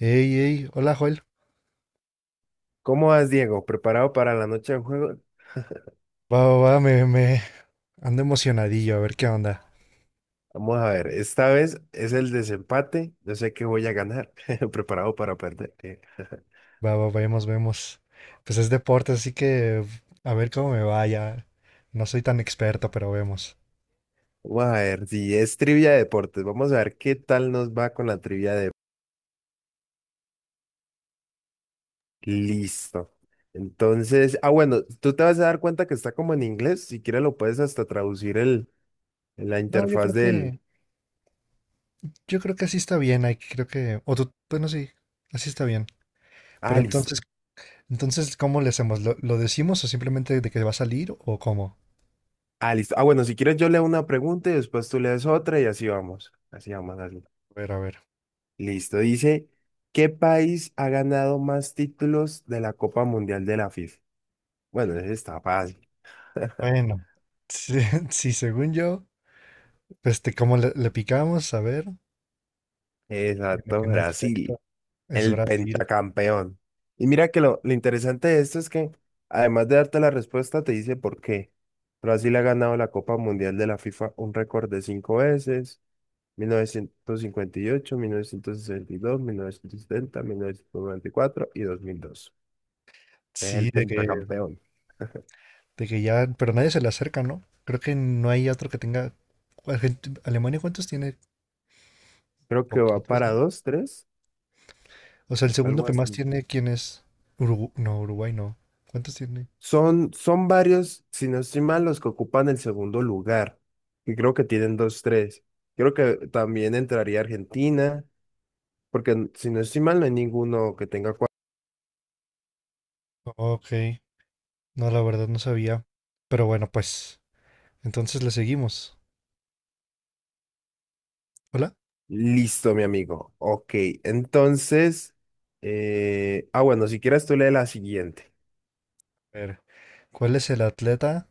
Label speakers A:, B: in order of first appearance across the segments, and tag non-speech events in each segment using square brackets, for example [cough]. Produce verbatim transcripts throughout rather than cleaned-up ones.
A: Ey, ey, hola Joel.
B: ¿Cómo vas, Diego? ¿Preparado para la noche de juego?
A: Va, va, va, me, me ando emocionadillo, a ver qué onda.
B: Vamos a ver, esta vez es el desempate. Yo sé que voy a ganar. [laughs] Preparado para perder. eh. [laughs]
A: Va, va, vemos, vemos. Pues es deporte, así que a ver cómo me vaya. No soy tan experto, pero vemos.
B: Vamos a ver, si es trivia de deportes. Vamos a ver qué tal nos va con la trivia de... Listo. Entonces, ah, bueno, tú te vas a dar cuenta que está como en inglés. Si quieres lo puedes hasta traducir el, en la
A: No, yo
B: interfaz
A: creo que,
B: del...
A: yo creo que así está bien, ahí creo que, o tú, bueno, sí, así está bien.
B: Ah,
A: Pero
B: listo.
A: entonces, entonces, ¿cómo le hacemos? ¿Lo, lo decimos o simplemente de que va a salir o cómo?
B: Ah, listo. Ah, bueno, si quieres yo leo una pregunta y después tú lees otra y así vamos. Así vamos, así.
A: A ver, a ver.
B: Listo, dice, ¿qué país ha ganado más títulos de la Copa Mundial de la FIFA? Bueno, ese está fácil. [laughs]
A: Bueno, sí, [laughs] sí, según yo, este, ¿cómo le, le picamos? A ver, en
B: Exacto,
A: en efecto,
B: Brasil,
A: es
B: el
A: Brasil.
B: pentacampeón. Y mira que lo, lo interesante de esto es que, además de darte la respuesta, te dice por qué. Brasil ha ganado la Copa Mundial de la FIFA un récord de cinco veces, mil novecientos cincuenta y ocho, mil novecientos sesenta y dos, dos mil mil mil novecientos novecientos y cuatro y dos. Mil dos. Es el
A: Sí, de que,
B: pentacampeón.
A: de que ya, pero nadie se le acerca, ¿no? Creo que no hay otro que tenga. Argent- Alemania, ¿cuántos tiene?
B: Creo que va
A: Poquitos,
B: para
A: ¿no?
B: dos, tres.
A: O sea, el segundo
B: Algo
A: que más
B: así.
A: tiene, ¿quién es? Urugu- no, Uruguay no. ¿Cuántos tiene?
B: Son, son varios, si no estoy mal, los que ocupan el segundo lugar. Y creo que tienen dos, tres. Creo que también entraría Argentina, porque n- si no estoy mal, no hay ninguno que tenga cuatro.
A: Ok, no, la verdad no sabía. Pero bueno, pues, entonces le seguimos. Hola.
B: Listo, mi amigo. Ok, entonces. eh, Ah, bueno, si quieres tú lee la siguiente.
A: A ver, ¿cuál es el atleta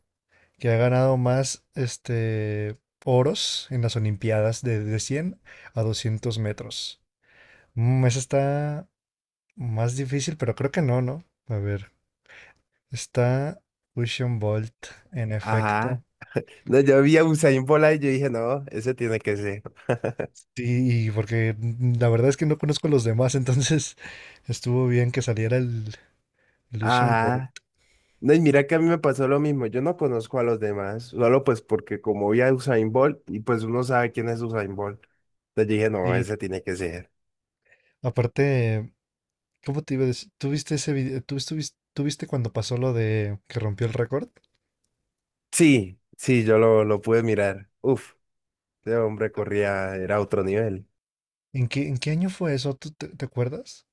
A: que ha ganado más, este, oros en las Olimpiadas de, de cien a doscientos metros? Mm, esa está más difícil, pero creo que no, ¿no? A ver, está Usain Bolt, en efecto.
B: Ajá. No, yo vi a Usain Bola y yo dije, no, ese tiene que ser.
A: Sí, y porque mm, la verdad es que no conozco a los demás, entonces [laughs] estuvo bien que saliera el, el Usain Bolt.
B: Ajá. No, y mira que a mí me pasó lo mismo, yo no conozco a los demás, solo pues porque como vi a Usain Bolt y pues uno sabe quién es Usain Bolt. Entonces dije, no,
A: Y
B: ese tiene que ser.
A: aparte, ¿cómo te iba a decir? ¿Tú viste ese video? ¿Tú estuviste- tú viste cuando pasó lo de que rompió el récord?
B: Sí, sí, yo lo, lo pude mirar. Uf, ese hombre corría, era otro nivel.
A: ¿En qué, en qué año fue eso? ¿Tú te, te acuerdas?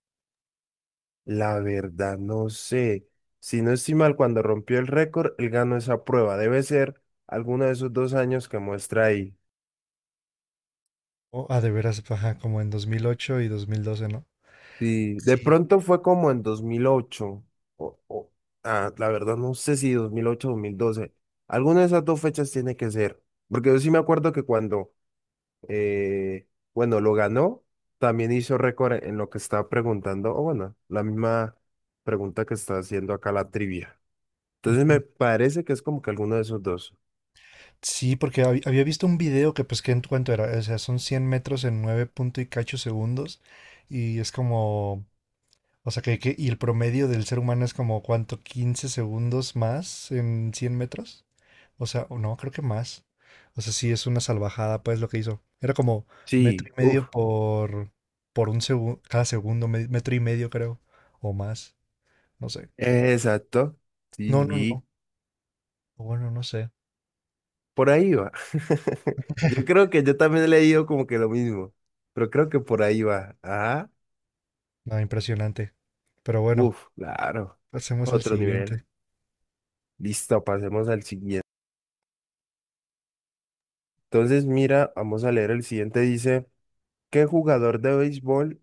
B: La verdad, no sé. Si no estoy mal, cuando rompió el récord, él ganó esa prueba. Debe ser alguno de esos dos años que muestra ahí.
A: Oh, ah, de veras, ajá, como en dos mil ocho y dos mil doce, ¿no?
B: Sí, de
A: Sí.
B: pronto fue como en dos mil ocho o, o- ah, la verdad no sé si dos mil ocho o dos mil doce, alguna de esas dos fechas tiene que ser, porque yo sí me acuerdo que cuando, eh, bueno, lo ganó, también hizo récord en lo que estaba preguntando, o bueno, la misma pregunta que está haciendo acá la trivia. Entonces me parece que es como que alguno de esos dos.
A: Sí, porque hab- había visto un video que pues que en cuanto era, o sea, son cien metros en nueve punto y cacho segundos y es como, o sea, que, que- y el promedio del ser humano es como, ¿cuánto? Quince segundos más en cien metros. O sea, o no, creo que más. O sea, sí, es una salvajada pues lo que hizo. Era como metro y
B: Sí, uff,
A: medio por, por un segundo, cada segundo, me- metro y medio creo, o más, no sé.
B: exacto, sí,
A: No, no,
B: sí.
A: no. Bueno, no sé.
B: Por ahí va. [laughs] Yo creo que yo también he leído como que lo mismo, pero creo que por ahí va. Ajá.
A: No, impresionante. Pero bueno,
B: Uf, claro.
A: pasemos al
B: Otro nivel.
A: siguiente.
B: Listo, pasemos al siguiente. Entonces, mira, vamos a leer el siguiente. Dice, ¿qué jugador de béisbol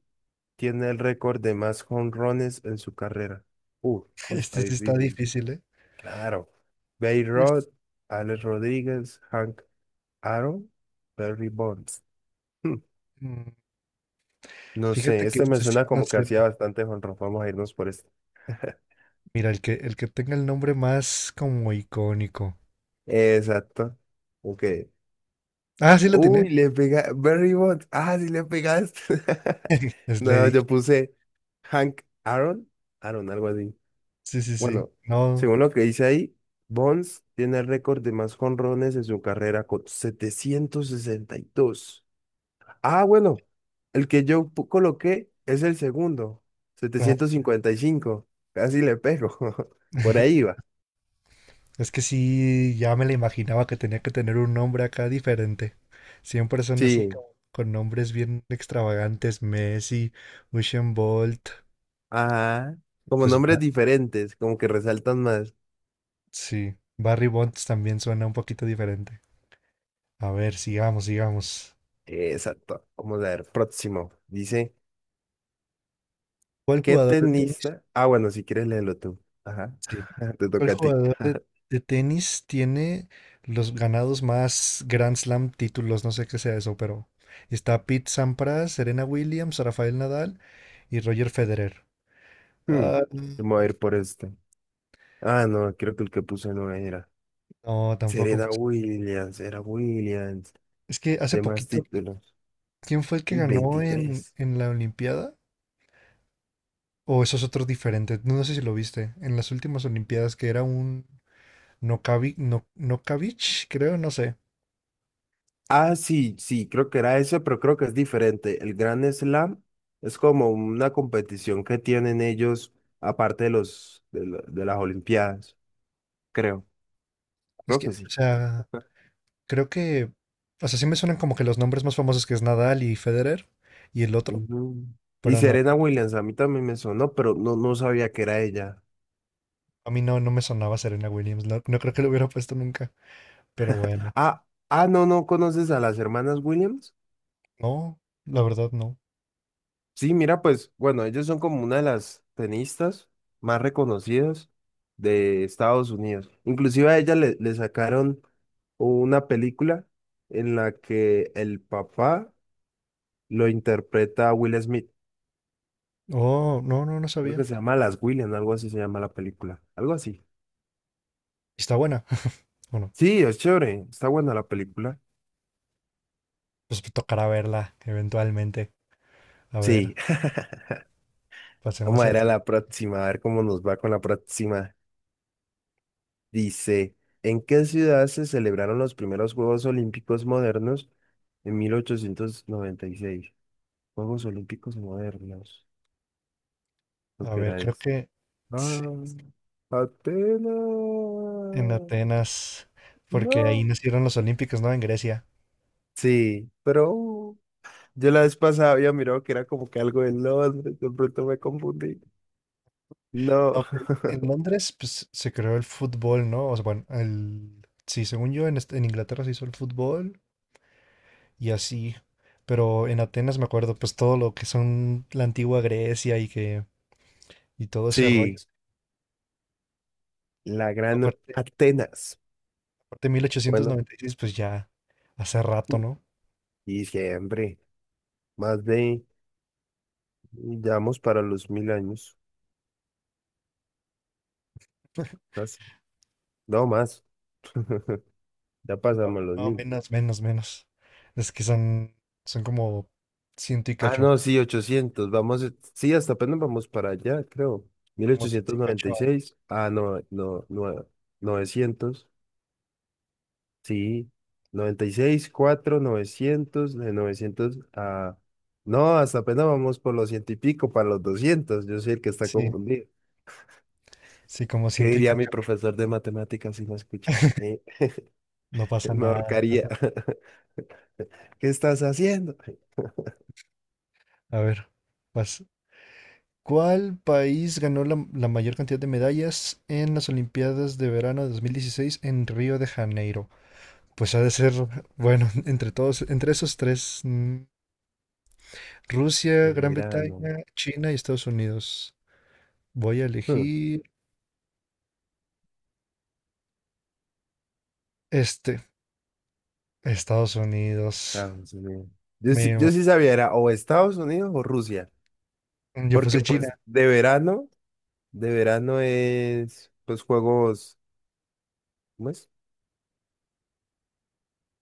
B: tiene el récord de más jonrones en su carrera? Uf, está
A: Este sí está
B: difícil.
A: difícil, ¿eh?
B: Claro. Babe Ruth,
A: Es-
B: Alex Rodríguez, Hank Aaron, Barry Bonds. [laughs] Hmm,
A: mm,
B: no sé,
A: Fíjate que
B: este me
A: este sí,
B: suena
A: no
B: como que
A: sé.
B: hacía bastante jonrón. Vamos a irnos por este.
A: Mira, el que, el que tenga el nombre más como icónico.
B: Exacto. Ok.
A: Ah, sí la tiene.
B: Uy, le pega. Barry Bonds. Ah, sí le pegaste. [laughs]
A: Es
B: No,
A: Lady.
B: yo puse Hank Aaron. Aaron, algo así.
A: Sí, sí, sí.
B: Bueno,
A: No.
B: según lo que dice ahí, Bonds tiene el récord de más jonrones en su carrera con setecientos sesenta y dos. Ah, bueno, el que yo pu- coloqué es el segundo,
A: Ah.
B: setecientos cincuenta y cinco. Casi le pego. [laughs] Por ahí
A: [laughs]
B: va.
A: Es que sí, ya me la imaginaba que tenía que tener un nombre acá diferente. Siempre son así
B: Sí,
A: como con nombres bien extravagantes. Messi, Usain Bolt.
B: ajá. Como
A: Pues
B: nombres
A: Ba-
B: diferentes, como que resaltan más.
A: sí. Barry Bonds también suena un poquito diferente. A ver, sigamos, sigamos.
B: Exacto. Vamos a ver, próximo. Dice,
A: ¿Cuál
B: ¿qué
A: jugador de tenis?
B: tenista? Ah, bueno, si quieres léelo tú. Ajá.
A: Sí.
B: [laughs] Te
A: ¿Cuál
B: toca a ti.
A: jugador de, de tenis tiene los ganados más Grand Slam títulos? No sé qué sea eso, pero está Pete Sampras, Serena Williams, Rafael Nadal y Roger Federer.
B: Hmm,
A: Ah,
B: Vamos a ir por este. Ah, no, creo que el que puse no era.
A: no, tampoco,
B: Serena
A: pues.
B: Williams, era Williams.
A: Es que hace
B: De más
A: poquito, ¿qui-
B: títulos.
A: ¿quién fue el que
B: Uy,
A: ganó en,
B: veintitrés.
A: en la Olimpiada? O esos otros diferentes, no no sé si lo viste, en las últimas Olimpiadas que era un Nokavi, no, Nokavich, creo, no sé.
B: Ah, sí, sí, creo que era ese, pero creo que es diferente. El Grand Slam es como una competición que tienen ellos, aparte de los de, la- de las Olimpiadas, creo,
A: Es
B: creo que
A: que, o
B: sí.
A: sea, creo que, o sea, sí me suenan como que los nombres más famosos que es Nadal y Federer y el otro,
B: Ujú. Y
A: pero no,
B: Serena Williams, a mí también me sonó, pero no, no sabía que era ella.
A: a mí no, no me sonaba Serena Williams, no, no creo que lo hubiera puesto nunca, pero bueno,
B: Ah, ah, no, no conoces a las hermanas Williams.
A: no, la verdad no.
B: Sí, mira, pues bueno, ellos son como una de las tenistas más reconocidas de Estados Unidos. Inclusive a ella le, le sacaron una película en la que el papá lo interpreta a Will Smith.
A: Oh, no, no, no
B: Creo
A: sabía.
B: que se llama Las Williams, algo así se llama la película. Algo así.
A: Y está buena. [laughs] Bueno,
B: Sí, es chévere. Está buena la película.
A: pues tocará verla eventualmente. A ver,
B: Sí. [laughs] Vamos
A: pasemos
B: a ir
A: al.
B: a
A: si-
B: la próxima, a ver cómo nos va con la próxima. Dice, ¿en qué ciudad se celebraron los primeros Juegos Olímpicos modernos en mil ochocientos noventa y seis? Juegos Olímpicos modernos. ¿Lo
A: A
B: que
A: ver,
B: era
A: creo
B: eso?
A: que sí,
B: Ah,
A: en
B: Atenas.
A: Atenas, porque ahí
B: No.
A: nacieron los Olímpicos, ¿no? En Grecia.
B: Sí, pero uh, yo la vez pasada había mirado que era como que algo de Londres, de pronto me confundí. No.
A: No, pe-
B: [laughs]
A: en Londres pues, se creó el fútbol, ¿no? O sea, bueno, el. Sí, según yo, en, est- en Inglaterra se hizo el fútbol y así. Pero en Atenas me acuerdo, pues todo lo que son la antigua Grecia y que y todo ese
B: Sí,
A: rollo.
B: la gran
A: Aparte,
B: Atenas.
A: aparte mil ochocientos
B: Bueno,
A: noventa y seis pues ya hace rato, ¿no?
B: y siempre, más de, ya vamos para los mil años. Casi. No más, ya
A: No,
B: pasamos los
A: no,
B: mil.
A: menos, menos, menos. Es que son, son como ciento y
B: Ah,
A: cacho,
B: no, sí, ochocientos vamos, eh, sí, hasta apenas vamos para allá, creo. mil
A: como ciento
B: ochocientos
A: y cacho
B: noventa y seis
A: años.
B: ah, no, no, no, novecientos, sí, noventa y seis cuatro novecientos de novecientos a... No, hasta apenas vamos por los ciento y pico, para los doscientos yo soy el que está
A: Sí,
B: confundido.
A: sí, como
B: ¿Qué
A: ciento y
B: diría mi
A: cacho.
B: profesor de matemáticas si me escuchara? Eh,
A: No
B: [laughs]
A: pasa
B: Me
A: nada, no pasa
B: ahorcaría.
A: nada.
B: [laughs] ¿Qué estás haciendo?
A: A ver, vas. ¿Cuál país ganó la, la mayor cantidad de medallas en las Olimpiadas de verano de dos mil dieciséis en Río de Janeiro? Pues ha de ser, bueno, [laughs] entre todos, entre esos tres, mm,
B: Pues
A: Rusia, Gran
B: mira, no.
A: Bretaña, China y Estados Unidos. Voy a elegir este, Estados Unidos.
B: Estados Unidos. Yo
A: Me
B: sí,
A: ima-
B: yo sí sabía, era o Estados Unidos o Rusia,
A: yo
B: porque
A: puse China.
B: pues de verano, de verano es pues juegos, ¿cómo es?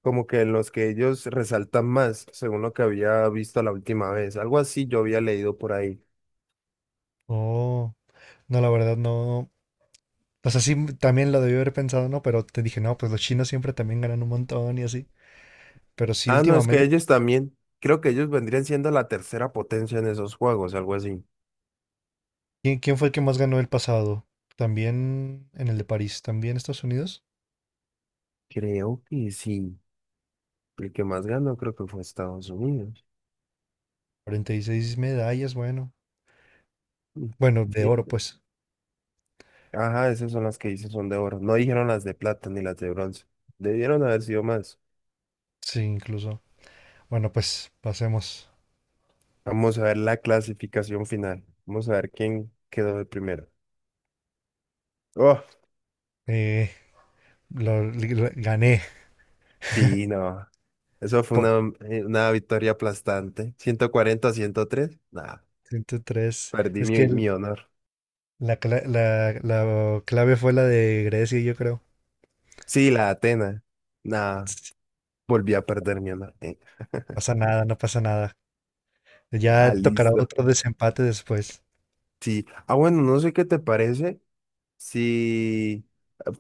B: Como que en los que ellos resaltan más, según lo que había visto la última vez, algo así yo había leído por ahí.
A: Oh, no, la verdad no. O sea, sí, m- también lo debí haber pensado, ¿no? Pero te dije, no, pues los chinos siempre también ganan un montón y así. Pero sí,
B: Ah, no, es que
A: últimamente.
B: ellos también, creo que ellos vendrían siendo la tercera potencia en esos juegos, algo así.
A: ¿Quién, quién fue el que más ganó el pasado? También en el de París, también Estados Unidos.
B: Creo que sí, el que más ganó creo que fue Estados Unidos.
A: Cuarenta y seis medallas, bueno.
B: Mm,
A: Bueno, de oro,
B: bien.
A: pues.
B: Ajá, esas son las que hice son de oro. No dijeron las de plata ni las de bronce. Debieron haber sido más.
A: Sí, incluso. Bueno, pues pasemos.
B: Vamos a ver la clasificación final. Vamos a ver quién quedó de primero. Oh,
A: Eh, lo- lo- gané
B: sí, no. Eso fue
A: por
B: una, eh, una victoria aplastante. Ciento cuarenta a ciento tres. Nah,
A: ciento tres.
B: perdí
A: Es que
B: mi,
A: el-
B: mi honor.
A: la, cla- la- la clave fue la de Grecia, yo creo.
B: Sí, la Atena. Nah, volví a perder mi honor. Eh,
A: No pasa nada, no pasa nada.
B: Ah,
A: Ya tocará
B: listo.
A: otro desempate después.
B: Sí. Ah, bueno, no sé qué te parece. Si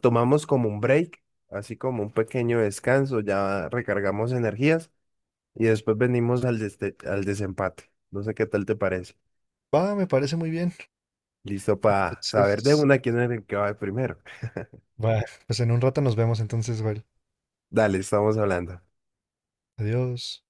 B: tomamos como un break, así como un pequeño descanso, ya recargamos energías y después venimos al, deste- al desempate. No sé qué tal te parece.
A: Va, me parece muy bien.
B: Listo para saber de
A: Entonces,
B: una quién es el que va primero.
A: va, pues en un rato nos vemos entonces, Val.
B: Dale, estamos hablando.
A: Adiós.